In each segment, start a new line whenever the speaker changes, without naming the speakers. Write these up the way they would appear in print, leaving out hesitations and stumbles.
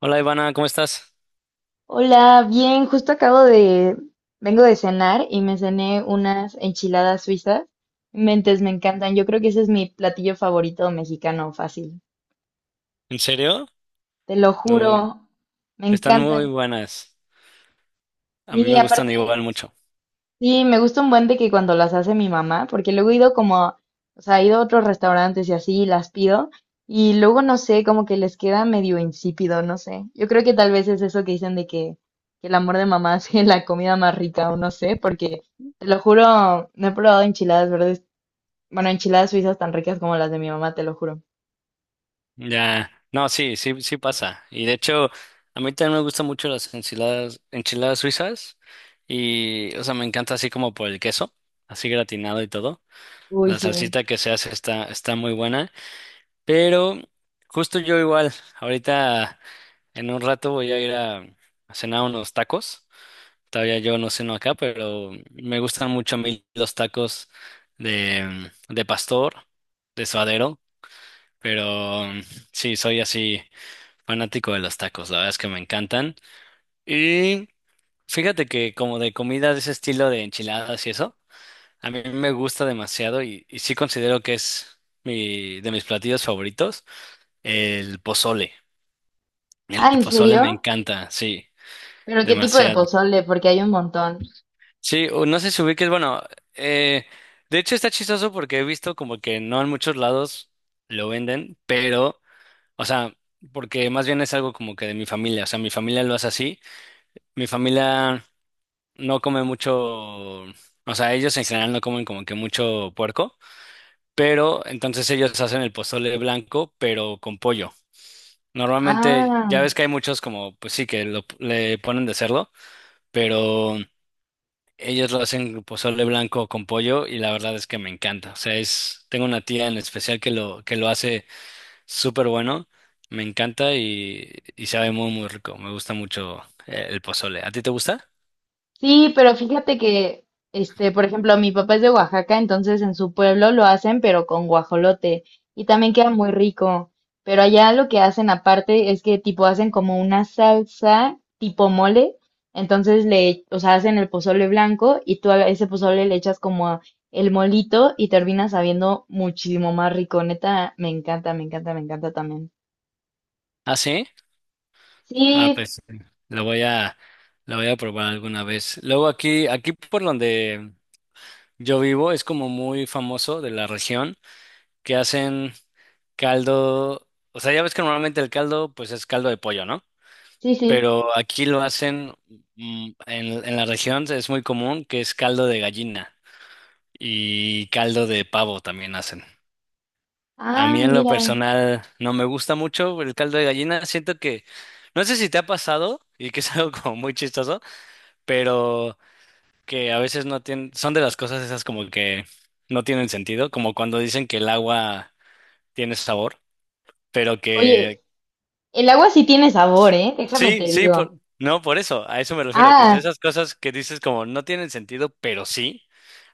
Hola Ivana, ¿cómo estás?
Hola, bien, justo acabo de, vengo de cenar y me cené unas enchiladas suizas. Mentes, me encantan. Yo creo que ese es mi platillo favorito mexicano, fácil.
¿En serio?
Te lo
No,
juro, me
están muy
encantan.
buenas. A mí
Y
me gustan
aparte,
igual mucho.
sí, me gusta un buen de que cuando las hace mi mamá, porque luego he ido como, o sea, he ido a otros restaurantes y así y las pido, y luego no sé, como que les queda medio insípido, no sé. Yo creo que tal vez es eso que dicen de que el amor de mamá hace la comida más rica, o no sé, porque te lo juro, no he probado enchiladas verdes, bueno, enchiladas suizas tan ricas como las de mi mamá, te lo juro.
Ya, no, sí, sí, sí pasa. Y de hecho, a mí también me gustan mucho las enchiladas, enchiladas suizas. Y, o sea, me encanta así como por el queso, así gratinado y todo.
Uy,
La
sí.
salsita que se hace está muy buena. Pero justo yo igual, ahorita en un rato voy a ir a cenar unos tacos. Todavía yo no ceno acá, pero me gustan mucho a mí los tacos de pastor, de suadero, pero sí, soy así fanático de los tacos, la verdad es que me encantan. Y fíjate que como de comida de ese estilo de enchiladas y eso, a mí me gusta demasiado y sí considero que es de mis platillos favoritos, el pozole. El
Ah, ¿en
pozole me
serio?
encanta, sí,
¿Pero qué tipo de
demasiado.
pozole? Porque hay un montón.
Sí, o no sé si ubiques, bueno, eh, de hecho está chistoso porque he visto como que no en muchos lados lo venden, pero, o sea, porque más bien es algo como que de mi familia, o sea, mi familia lo hace así, mi familia no come mucho, o sea, ellos en general no comen como que mucho puerco, pero entonces ellos hacen el pozole blanco, pero con pollo. Normalmente,
Ah.
ya ves que hay muchos como, pues sí, que lo, le ponen de cerdo, pero... Ellos lo hacen con pozole blanco con pollo y la verdad es que me encanta. O sea, es, tengo una tía en especial que lo hace súper bueno. Me encanta y sabe muy, muy rico. Me gusta mucho el pozole. ¿A ti te gusta?
Sí, pero fíjate que, este, por ejemplo, mi papá es de Oaxaca, entonces en su pueblo lo hacen, pero con guajolote, y también queda muy rico. Pero allá lo que hacen aparte es que tipo hacen como una salsa tipo mole, entonces le, o sea, hacen el pozole blanco y tú a ese pozole le echas como el molito y termina sabiendo muchísimo más rico. Neta, me encanta, me encanta, me encanta también.
¿Ah, sí? Ah,
Sí,
pues lo voy a, lo voy a probar alguna vez. Luego aquí, aquí por donde yo vivo es como muy famoso de la región que hacen caldo. O sea, ya ves que normalmente el caldo pues es caldo de pollo, ¿no?
sí, sí.
Pero aquí lo hacen, en la región es muy común que es caldo de gallina y caldo de pavo también hacen. A
Ah,
mí en lo
mira.
personal no me gusta mucho el caldo de gallina, siento que, no sé si te ha pasado y que es algo como muy chistoso, pero que a veces no tienen, son de las cosas esas como que no tienen sentido, como cuando dicen que el agua tiene sabor, pero
Oye,
que
el agua sí tiene sabor, ¿eh? Déjame
sí,
te
sí,
digo.
no, por eso, a eso me refiero, que de
Ah,
esas cosas que dices como no tienen sentido, pero sí,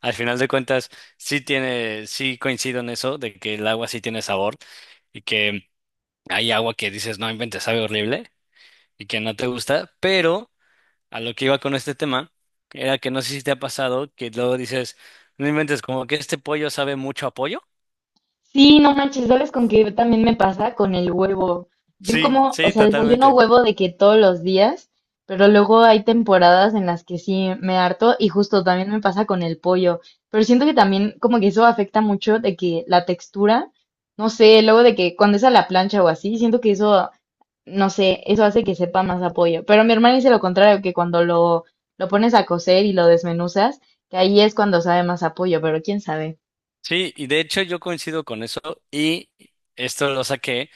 al final de cuentas, sí tiene, sí coincido en eso, de que el agua sí tiene sabor y que hay agua que dices, no inventes, sabe horrible y que no te gusta, pero a lo que iba con este tema era que no sé si te ha pasado que luego dices, no inventes, como que este pollo sabe mucho a pollo.
sí, no manches, ¿sabes con qué también me pasa? Con el huevo. Yo
Sí,
como, o
sí,
sea, desayuno
totalmente.
huevo de que todos los días, pero luego hay temporadas en las que sí me harto y justo también me pasa con el pollo. Pero siento que también como que eso afecta mucho de que la textura, no sé, luego de que cuando es a la plancha o así, siento que eso, no sé, eso hace que sepa más a pollo. Pero mi hermana dice lo contrario, que cuando lo pones a cocer y lo desmenuzas, que ahí es cuando sabe más a pollo, pero quién sabe.
Sí, y de hecho yo coincido con eso y esto lo saqué,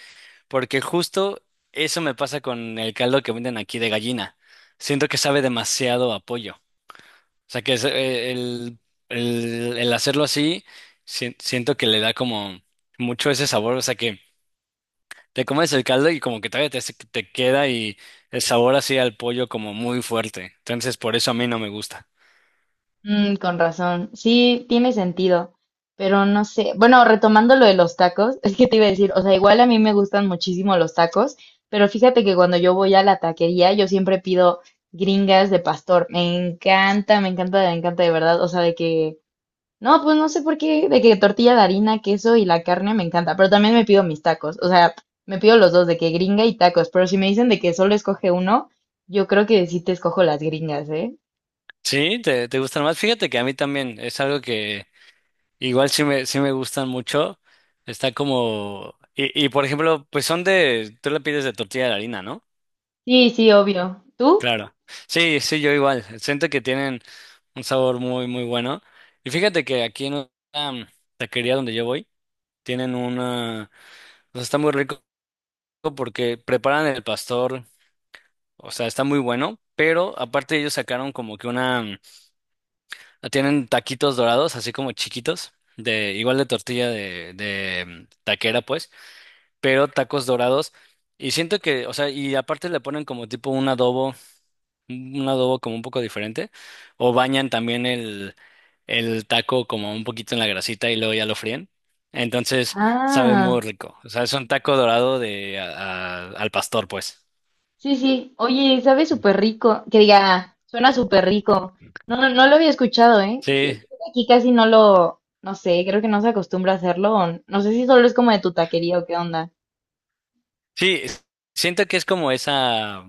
porque justo eso me pasa con el caldo que venden aquí de gallina. Siento que sabe demasiado a pollo. O sea, que es, el, el hacerlo así, siento que le da como mucho ese sabor. O sea, que te comes el caldo y como que todavía te, te queda y el sabor así al pollo como muy fuerte. Entonces, por eso a mí no me gusta.
Mm, con razón. Sí, tiene sentido, pero no sé. Bueno, retomando lo de los tacos, es que te iba a decir, o sea, igual a mí me gustan muchísimo los tacos, pero fíjate que cuando yo voy a la taquería, yo siempre pido gringas de pastor. Me encanta, me encanta, me encanta de verdad. O sea, de que, no, pues no sé por qué, de que tortilla de harina, queso y la carne me encanta, pero también me pido mis tacos. O sea, me pido los dos, de que gringa y tacos, pero si me dicen de que solo escoge uno, yo creo que sí te escojo las gringas, ¿eh?
Sí, te gustan más. Fíjate que a mí también es algo. Igual sí me gustan mucho. Está como... Y, y por ejemplo, pues son de... Tú la pides de tortilla de harina, ¿no?
Sí, sí, obvio. ¿Tú?
Claro. Sí, sí, yo igual. Siento que tienen un sabor muy, muy bueno. Y fíjate que aquí en la taquería donde yo voy, tienen una... O sea, está muy rico porque preparan el pastor. O sea, está muy bueno. Pero aparte ellos sacaron como que una... Tienen taquitos dorados, así como chiquitos. De, igual de tortilla de taquera, pues, pero tacos dorados. Y siento que, o sea, y aparte le ponen como tipo un adobo como un poco diferente, o bañan también el taco como un poquito en la grasita y luego ya lo fríen. Entonces sabe
Ah,
muy rico. O sea, es un taco dorado de al pastor, pues.
sí, sí. Oye, sabe súper rico. Que diga, suena súper rico. No, no, no lo había escuchado, ¿eh?
Sí,
Que- aquí casi no lo, no sé, creo que no se acostumbra a hacerlo. O no sé si solo es como de tu taquería o qué onda.
sí, siento que es como esa,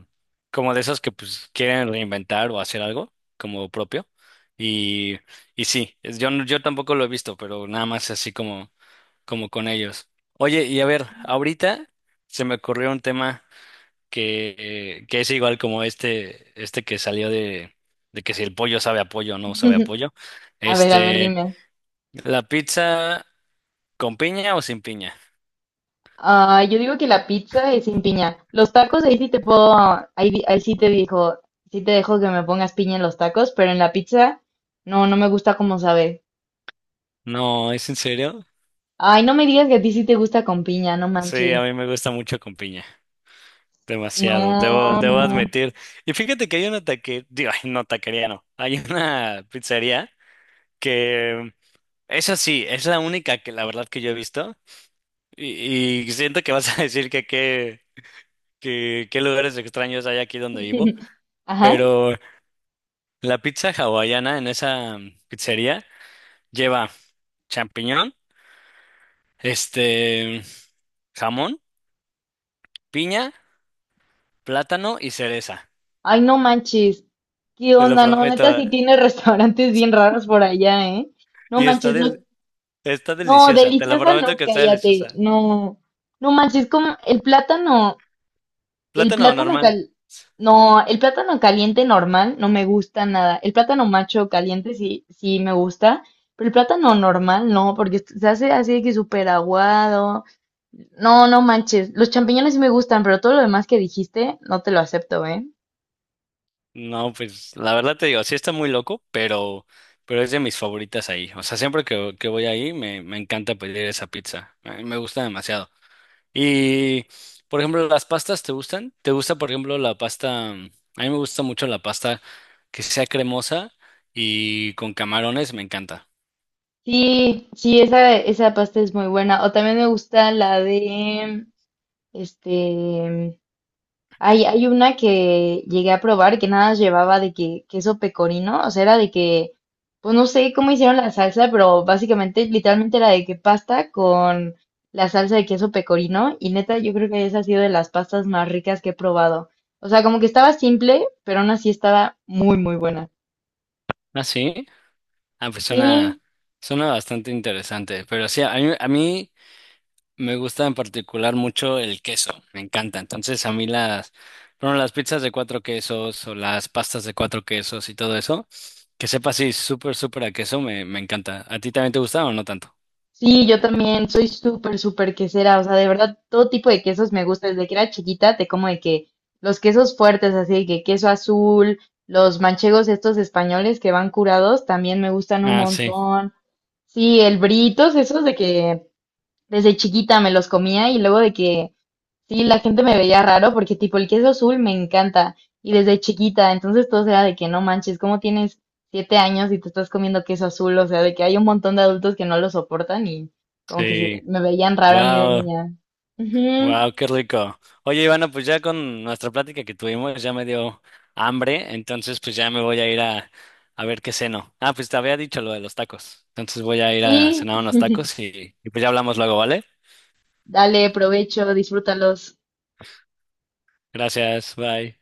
como de esos que pues quieren reinventar o hacer algo como propio. Y, y sí, yo, yo tampoco lo he visto, pero nada más así como como con ellos. Oye, y a ver, ahorita se me ocurrió un tema que, que es igual como este que salió de que si el pollo sabe a pollo o no sabe a pollo.
A ver,
Este,
dime.
¿la pizza con piña o sin piña?
Ah, yo digo que la pizza es sin piña. Los tacos ahí sí te puedo, ahí, ahí sí te dijo, sí te dejo que me pongas piña en los tacos, pero en la pizza no, no me gusta como sabe.
No, ¿es en serio?
Ay, no me digas que a ti sí te gusta con piña, no
Sí,
manches.
a mí me gusta mucho con piña. Demasiado, debo,
No,
debo
no.
admitir. Y fíjate que hay una taquería, digo, ay, no, taquería no. Hay una pizzería que, esa sí, es la única que la verdad que yo he visto. Y siento que vas a decir que qué lugares extraños hay aquí donde vivo,
Ajá.
pero la pizza hawaiana en esa pizzería lleva champiñón, este, jamón, piña, plátano y cereza.
Ay, no manches. ¿Qué
Te lo
onda? No,
prometo.
neta, sí tiene restaurantes bien raros por allá, ¿eh? No
Y está
manches, lo...
está
No,
deliciosa, te lo
deliciosa,
prometo
no,
que está
cállate.
deliciosa.
No, no manches, como el
Plátano
plátano
normal.
cal... No, el plátano caliente normal no me gusta nada. El plátano macho caliente sí, sí me gusta, pero el plátano normal no, porque se hace así de que súper aguado. No, no manches. Los champiñones sí me gustan, pero todo lo demás que dijiste no te lo acepto, ¿eh?
No, pues la verdad te digo, sí está muy loco, pero es de mis favoritas ahí. O sea, siempre que voy ahí me, me encanta pedir esa pizza. Me gusta demasiado. Y, por ejemplo, ¿las pastas te gustan? ¿Te gusta, por ejemplo, la pasta? A mí me gusta mucho la pasta que sea cremosa y con camarones, me encanta.
Sí, sí, esa pasta es muy buena. O también me gusta la de, este, hay una que llegué a probar que nada más llevaba de que queso pecorino, o sea, era de que, pues no sé cómo hicieron la salsa, pero básicamente, literalmente era de que pasta con la salsa de queso pecorino. Y neta, yo creo que esa ha sido de las pastas más ricas que he probado. O sea, como que estaba simple, pero aún así estaba muy, muy buena.
¿Ah, sí? Ah, pues suena,
Sí,
suena bastante interesante. Pero sí, a mí me gusta en particular mucho el queso, me encanta. Entonces a mí las, bueno, las pizzas de cuatro quesos o las pastas de cuatro quesos y todo eso, que sepa así súper, súper a queso, me encanta. ¿A ti también te gusta o no tanto?
sí, yo también soy súper, súper quesera, o sea, de verdad, todo tipo de quesos me gusta. Desde que era chiquita, te como de que los quesos fuertes, así de que queso azul, los manchegos estos españoles que van curados, también me gustan un
Ah, sí,
montón. Sí, el britos, esos de que desde chiquita me los comía y luego de que sí, la gente me veía raro porque tipo el queso azul me encanta y desde chiquita, entonces todo era de que no manches, ¿cómo tienes 7 años y te estás comiendo queso azul? O sea, de que hay un montón de adultos que no lo soportan y como que sí,
sí.
me veían raro a mí de
Wow,
niña. Ujú,
wow, qué rico. Oye, Ivana, pues ya con nuestra plática que tuvimos ya me dio hambre, entonces pues ya me voy a ir a ver qué ceno. Ah, pues te había dicho lo de los tacos. Entonces voy a ir a
sí,
cenar unos tacos y pues ya hablamos luego, ¿vale?
dale provecho, disfrútalos.
Gracias, bye.